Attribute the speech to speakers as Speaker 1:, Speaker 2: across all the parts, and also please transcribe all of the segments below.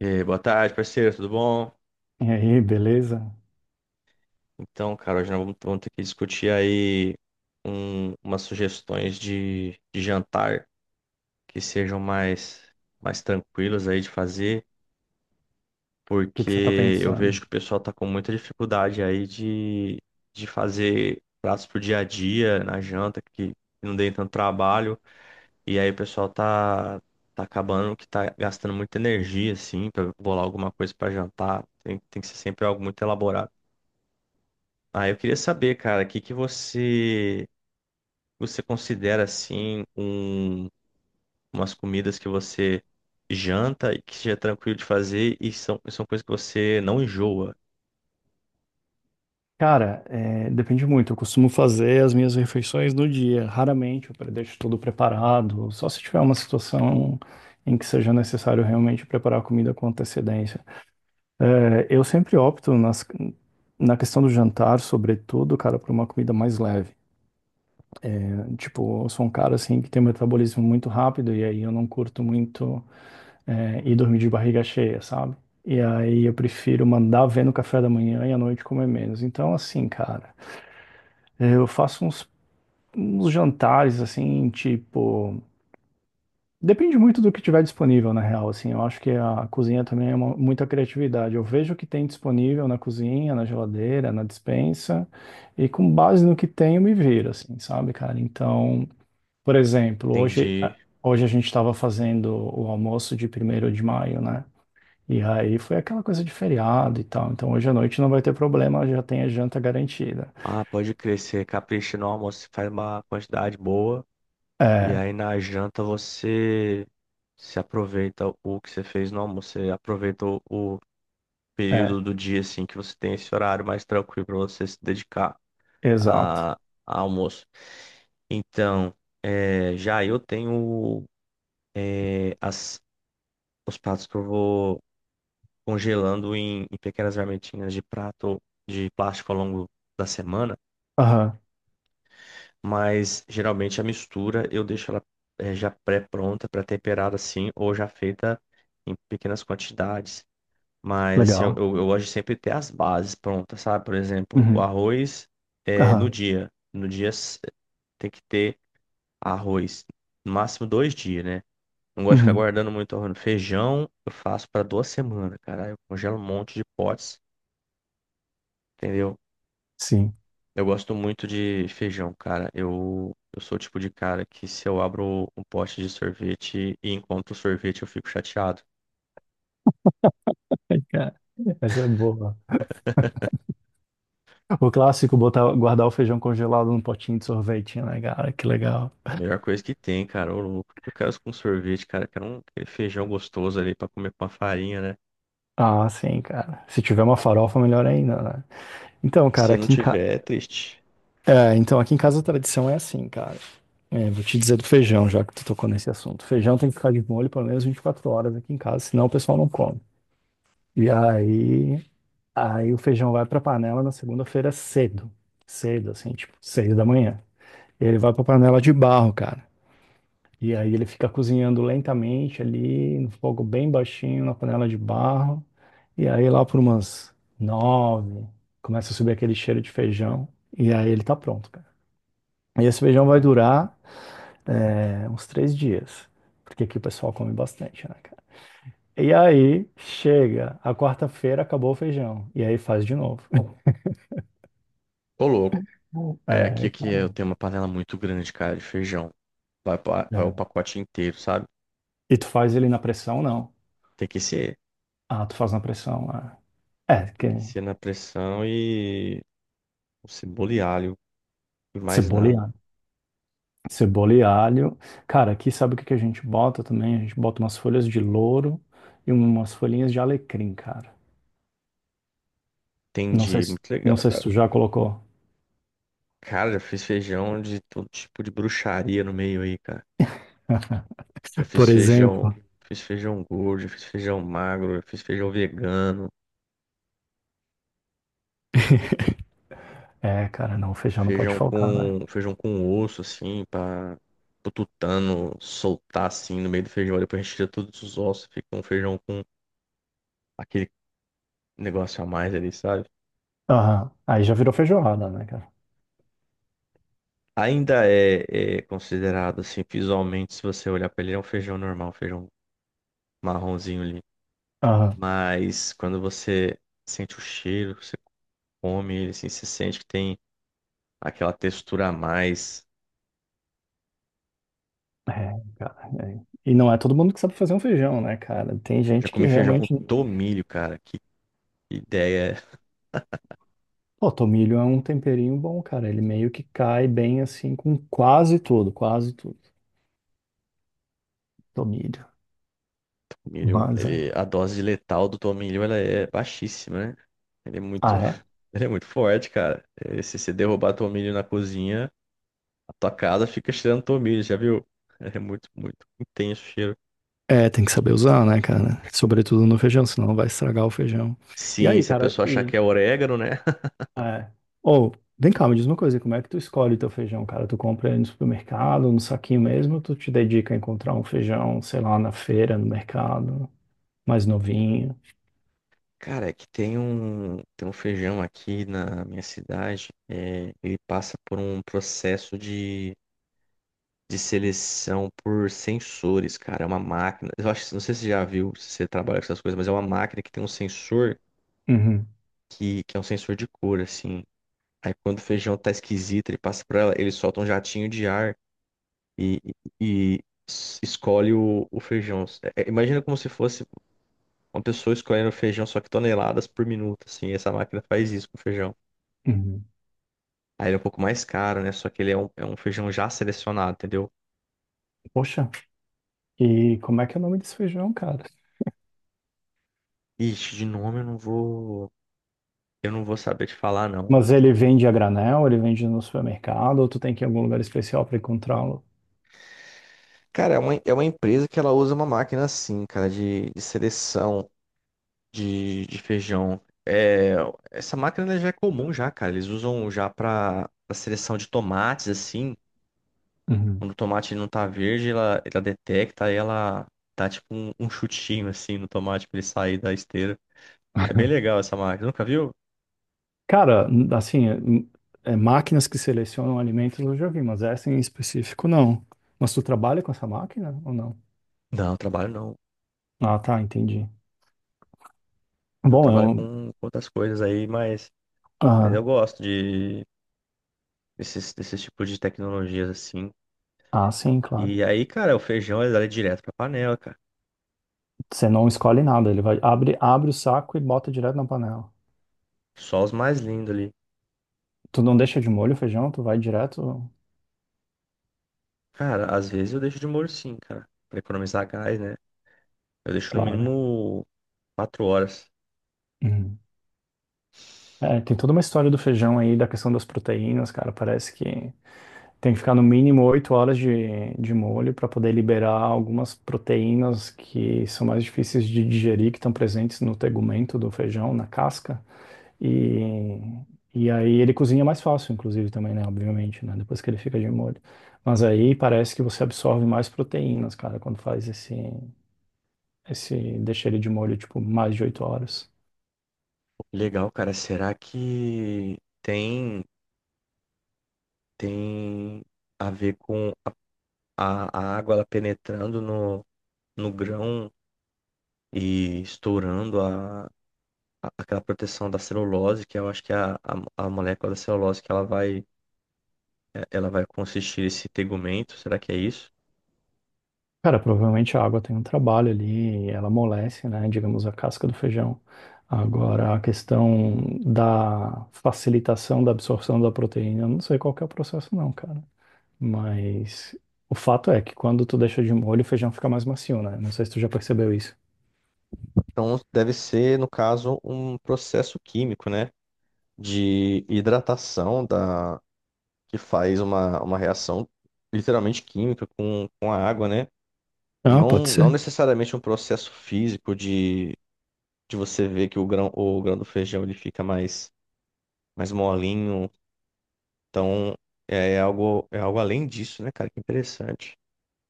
Speaker 1: E aí, boa tarde, parceiro, tudo bom?
Speaker 2: E aí, beleza? O
Speaker 1: Então, cara, hoje nós vamos ter que discutir aí umas sugestões de jantar que sejam mais tranquilas aí de fazer,
Speaker 2: que que você tá
Speaker 1: porque eu vejo
Speaker 2: pensando?
Speaker 1: que o pessoal tá com muita dificuldade aí de fazer pratos pro dia a dia, na janta, que não deem tanto trabalho, e aí o pessoal tá acabando que tá gastando muita energia, assim, pra bolar alguma coisa pra jantar, tem que ser sempre algo muito elaborado. Ah, eu queria saber, cara, o que que você considera assim umas comidas que você janta e que seja tranquilo de fazer e e são coisas que você não enjoa.
Speaker 2: Cara, é, depende muito. Eu costumo fazer as minhas refeições no dia. Raramente eu deixo tudo preparado, só se tiver uma situação em que seja necessário realmente preparar a comida com antecedência. É, eu sempre opto na questão do jantar, sobretudo, cara, por uma comida mais leve. Tipo, eu sou um cara assim que tem um metabolismo muito rápido e aí eu não curto muito. Dormir de barriga cheia, sabe? E aí eu prefiro mandar ver no café da manhã e à noite comer menos. Então, assim, cara, eu faço uns jantares, assim, tipo. Depende muito do que tiver disponível, na real, assim. Eu acho que a cozinha também é muita criatividade. Eu vejo o que tem disponível na cozinha, na geladeira, na despensa, e com base no que tem eu me viro, assim, sabe, cara? Então, por exemplo, hoje,
Speaker 1: Entendi.
Speaker 2: hoje a gente estava fazendo o almoço de 1º de maio, né? E aí foi aquela coisa de feriado e tal. Então hoje à noite não vai ter problema, já tem a janta garantida.
Speaker 1: Ah, pode crescer, capricha no almoço, você faz uma quantidade boa e
Speaker 2: É,
Speaker 1: aí na janta você se aproveita o que você fez no almoço, você aproveita o período
Speaker 2: é,
Speaker 1: do dia assim que você tem esse horário mais tranquilo para você se dedicar.
Speaker 2: exato.
Speaker 1: A almoço. Então, é, já eu tenho é, os pratos que eu vou congelando em pequenas marmitinhas de prato de plástico ao longo da semana,
Speaker 2: Aham,
Speaker 1: mas geralmente a mistura eu deixo ela é, já pré-pronta, pré-temperada assim, ou já feita em pequenas quantidades. Mas assim,
Speaker 2: legal.
Speaker 1: eu gosto de sempre ter as bases prontas, sabe? Por exemplo, o
Speaker 2: Uhum,
Speaker 1: arroz é,
Speaker 2: aham,
Speaker 1: no dia. Tem que ter. Arroz, no máximo 2 dias, né? Não gosto de ficar
Speaker 2: uhum,
Speaker 1: guardando muito arroz. Feijão, eu faço para 2 semanas, cara. Eu congelo um monte de potes, entendeu?
Speaker 2: sim.
Speaker 1: Eu gosto muito de feijão, cara. Eu sou o tipo de cara que se eu abro um pote de sorvete e encontro sorvete, eu fico chateado.
Speaker 2: Cara, essa é boa. O clássico, botar, guardar o feijão congelado num potinho de sorvete, né, cara? Que legal.
Speaker 1: Melhor coisa que tem, cara. Ô, louco. Eu quero isso com sorvete, cara. Eu quero um aquele feijão gostoso ali pra comer com uma farinha, né?
Speaker 2: Ah, sim, cara. Se tiver uma farofa, melhor ainda, né? Então, cara,
Speaker 1: Se não
Speaker 2: aqui em, ca-
Speaker 1: tiver, é triste.
Speaker 2: É, então aqui em casa a tradição é assim, cara. É, vou te dizer do feijão, já que tu tocou nesse assunto. Feijão tem que ficar de molho pelo menos 24 horas aqui em casa, senão o pessoal não come. E aí, o feijão vai pra panela na segunda-feira cedo. Cedo, assim, tipo, 6 da manhã. Ele vai pra panela de barro, cara. E aí ele fica cozinhando lentamente ali, no fogo bem baixinho, na panela de barro. E aí lá por umas 9, começa a subir aquele cheiro de feijão. E aí ele tá pronto, cara. E esse feijão vai
Speaker 1: Ah,
Speaker 2: durar, né, uns 3 dias, porque aqui o pessoal come bastante, né, cara? E aí chega, a quarta-feira acabou o feijão, e aí faz de novo.
Speaker 1: ô, louco. É aqui
Speaker 2: É,
Speaker 1: que
Speaker 2: cara,
Speaker 1: eu tenho uma panela muito grande, cara, de feijão. Vai, vai o
Speaker 2: é.
Speaker 1: pacote inteiro, sabe?
Speaker 2: E tu faz ele na pressão, não?
Speaker 1: Tem que ser,
Speaker 2: Ah, tu faz na pressão, ah. É,
Speaker 1: tem
Speaker 2: que
Speaker 1: que ser na pressão e o cebola e alho e mais
Speaker 2: cebola e
Speaker 1: nada.
Speaker 2: alho. Cebola e alho. Cara, aqui sabe o que que a gente bota também? A gente bota umas folhas de louro e umas folhinhas de alecrim, cara. Não sei
Speaker 1: Entendi,
Speaker 2: se,
Speaker 1: muito
Speaker 2: não
Speaker 1: legal,
Speaker 2: sei se
Speaker 1: cara.
Speaker 2: tu já colocou.
Speaker 1: Cara, já fiz feijão de todo tipo de bruxaria no meio aí, cara. Já fiz
Speaker 2: Por
Speaker 1: feijão,
Speaker 2: exemplo.
Speaker 1: fiz feijão gordo, já fiz feijão magro, já fiz feijão vegano,
Speaker 2: É, cara, não, feijão não pode faltar, né?
Speaker 1: feijão com osso assim, para o tutano soltar assim no meio do feijão, depois retira todos os ossos, fica um feijão com aquele negócio a mais ali, sabe?
Speaker 2: Aham. Aí já virou feijoada, né, cara?
Speaker 1: Ainda é considerado assim, visualmente, se você olhar para ele, é um feijão normal, um feijão marronzinho ali.
Speaker 2: Aham.
Speaker 1: Mas quando você sente o cheiro, você come ele, assim, você sente que tem aquela textura a mais.
Speaker 2: É, cara, é. E não é todo mundo que sabe fazer um feijão, né, cara? Tem
Speaker 1: Já
Speaker 2: gente que
Speaker 1: comi feijão com
Speaker 2: realmente.
Speaker 1: tomilho, cara. Que ideia é
Speaker 2: Pô, tomilho é um temperinho bom, cara. Ele meio que cai bem assim com quase tudo, quase tudo. Tomilho.
Speaker 1: tomilho?
Speaker 2: Mas é.
Speaker 1: Ele, a dose letal do tomilho, ela é baixíssima, né? Ele é muito,
Speaker 2: Ah, é?
Speaker 1: ele é muito forte, cara. Se você derrubar tomilho na cozinha, a tua casa fica cheirando tomilho, já viu? É muito, muito intenso o cheiro.
Speaker 2: É, tem que saber usar, né, cara? Sobretudo no feijão, senão vai estragar o feijão. E
Speaker 1: Sim,
Speaker 2: aí,
Speaker 1: se a
Speaker 2: cara,
Speaker 1: pessoa achar
Speaker 2: e.
Speaker 1: que é orégano, né?
Speaker 2: É. Ou, vem cá, me diz uma coisa, como é que tu escolhe teu feijão, cara? Tu compra ele no supermercado, no saquinho mesmo, ou tu te dedica a encontrar um feijão, sei lá, na feira, no mercado, mais novinho?
Speaker 1: Cara, é que tem um feijão aqui na minha cidade, é, ele passa por um processo de seleção por sensores, cara. É uma máquina. Eu acho, não sei se você já viu, se você trabalha com essas coisas, mas é uma máquina que tem um sensor
Speaker 2: Uhum,
Speaker 1: que é um sensor de cor, assim. Aí quando o feijão tá esquisito, ele passa por ela, ele solta um jatinho de ar e, e- e escolhe o feijão. Imagina como se fosse uma pessoa escolhendo feijão só que toneladas por minuto, assim, essa máquina faz isso com o feijão.
Speaker 2: uhum.
Speaker 1: Aí ele é um pouco mais caro, né? Só que ele é é um feijão já selecionado, entendeu?
Speaker 2: Poxa, e como é que é o nome desse feijão, cara?
Speaker 1: Ixi, de nome eu não vou saber te falar, não.
Speaker 2: Mas ele vende a granel, ele vende no supermercado, ou tu tem que ir em algum lugar especial para encontrá-lo?
Speaker 1: Cara, é uma empresa que ela usa uma máquina assim, cara, de seleção. De feijão. É, essa máquina ela já é comum já, cara. Eles usam já para seleção de tomates, assim.
Speaker 2: Uhum.
Speaker 1: Quando o tomate ele não tá verde, ela detecta e ela dá tipo um chutinho assim no tomate pra ele sair da esteira. É bem legal essa máquina. Nunca viu?
Speaker 2: Cara, assim, é máquinas que selecionam alimentos eu já vi, mas essa em específico não. Mas tu trabalha com essa máquina ou não?
Speaker 1: Não, eu trabalho não.
Speaker 2: Ah, tá, entendi.
Speaker 1: Eu
Speaker 2: Bom, é
Speaker 1: trabalho
Speaker 2: um.
Speaker 1: com outras coisas aí, mas
Speaker 2: Ah,
Speaker 1: eu gosto desses tipos de tecnologias assim.
Speaker 2: ah, sim, claro.
Speaker 1: E aí, cara, o feijão ele dá ele direto pra panela, cara.
Speaker 2: Você não escolhe nada, ele vai abre o saco e bota direto na panela.
Speaker 1: Só os mais lindos ali.
Speaker 2: Tu não deixa de molho o feijão, tu vai direto.
Speaker 1: Cara, às vezes eu deixo de molho sim, cara. Pra economizar gás, né? Eu deixo no
Speaker 2: Claro.
Speaker 1: mínimo 4 horas.
Speaker 2: Uhum. É, tem toda uma história do feijão aí, da questão das proteínas, cara. Parece que tem que ficar no mínimo 8 horas de molho para poder liberar algumas proteínas que são mais difíceis de digerir, que estão presentes no tegumento do feijão, na casca. E, e aí ele cozinha mais fácil, inclusive, também, né? Obviamente, né? Depois que ele fica de molho. Mas aí parece que você absorve mais proteínas, cara, quando faz esse deixa ele de molho, tipo, mais de 8 horas.
Speaker 1: Legal, cara. Será que tem. tem a ver com a, a água ela penetrando no, no grão e estourando aquela proteção da celulose, que eu acho que é a molécula da celulose que ela vai, ela vai consistir esse tegumento, será que é isso?
Speaker 2: Cara, provavelmente a água tem um trabalho ali, ela amolece, né? Digamos, a casca do feijão. Agora, a questão da facilitação da absorção da proteína, eu não sei qual que é o processo, não, cara. Mas o fato é que quando tu deixa de molho, o feijão fica mais macio, né? Não sei se tu já percebeu isso.
Speaker 1: Então deve ser, no caso, um processo químico, né? De hidratação da, que faz uma reação literalmente química com a água, né?
Speaker 2: Ah, pode
Speaker 1: Não
Speaker 2: ser.
Speaker 1: necessariamente um processo físico de você ver que o grão do feijão ele fica mais molinho. Então, é algo além disso, né, cara? Que interessante.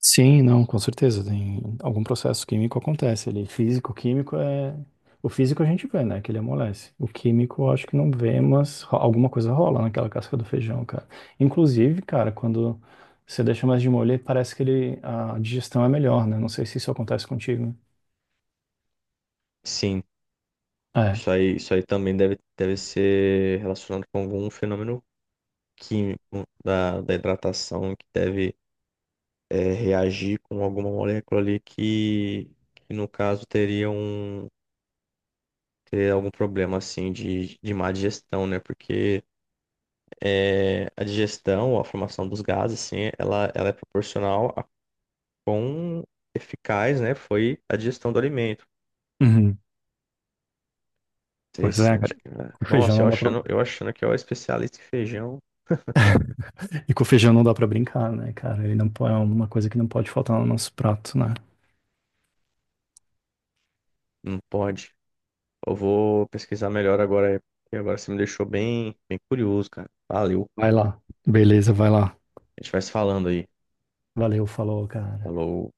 Speaker 2: Sim, não, com certeza. Tem algum processo químico acontece ali. Físico, químico é. O físico a gente vê, né? Que ele amolece. O químico eu acho que não vê, mas alguma coisa rola naquela casca do feijão, cara. Inclusive, cara, quando você deixa mais de molho, parece que a digestão é melhor, né? Não sei se isso acontece contigo.
Speaker 1: Sim,
Speaker 2: É.
Speaker 1: isso aí também deve ser relacionado com algum fenômeno químico da hidratação que deve é, reagir com alguma molécula ali que no caso, teria um. Teria algum problema assim de má digestão, né? Porque é, a digestão, a formação dos gases, assim, ela é proporcional quão eficaz, né, foi a digestão do alimento.
Speaker 2: Uhum. Pois é,
Speaker 1: Interessante,
Speaker 2: cara.
Speaker 1: cara.
Speaker 2: Com feijão
Speaker 1: Nossa,
Speaker 2: não dá pra.
Speaker 1: eu achando que eu era especialista em feijão.
Speaker 2: E com feijão não dá pra brincar, né, cara? Ele não. É uma coisa que não pode faltar no nosso prato, né?
Speaker 1: Não pode. Eu vou pesquisar melhor agora, porque agora você me deixou bem curioso, cara. Valeu.
Speaker 2: Vai lá. Beleza, vai lá.
Speaker 1: A gente vai se falando aí.
Speaker 2: Valeu, falou, cara.
Speaker 1: Falou.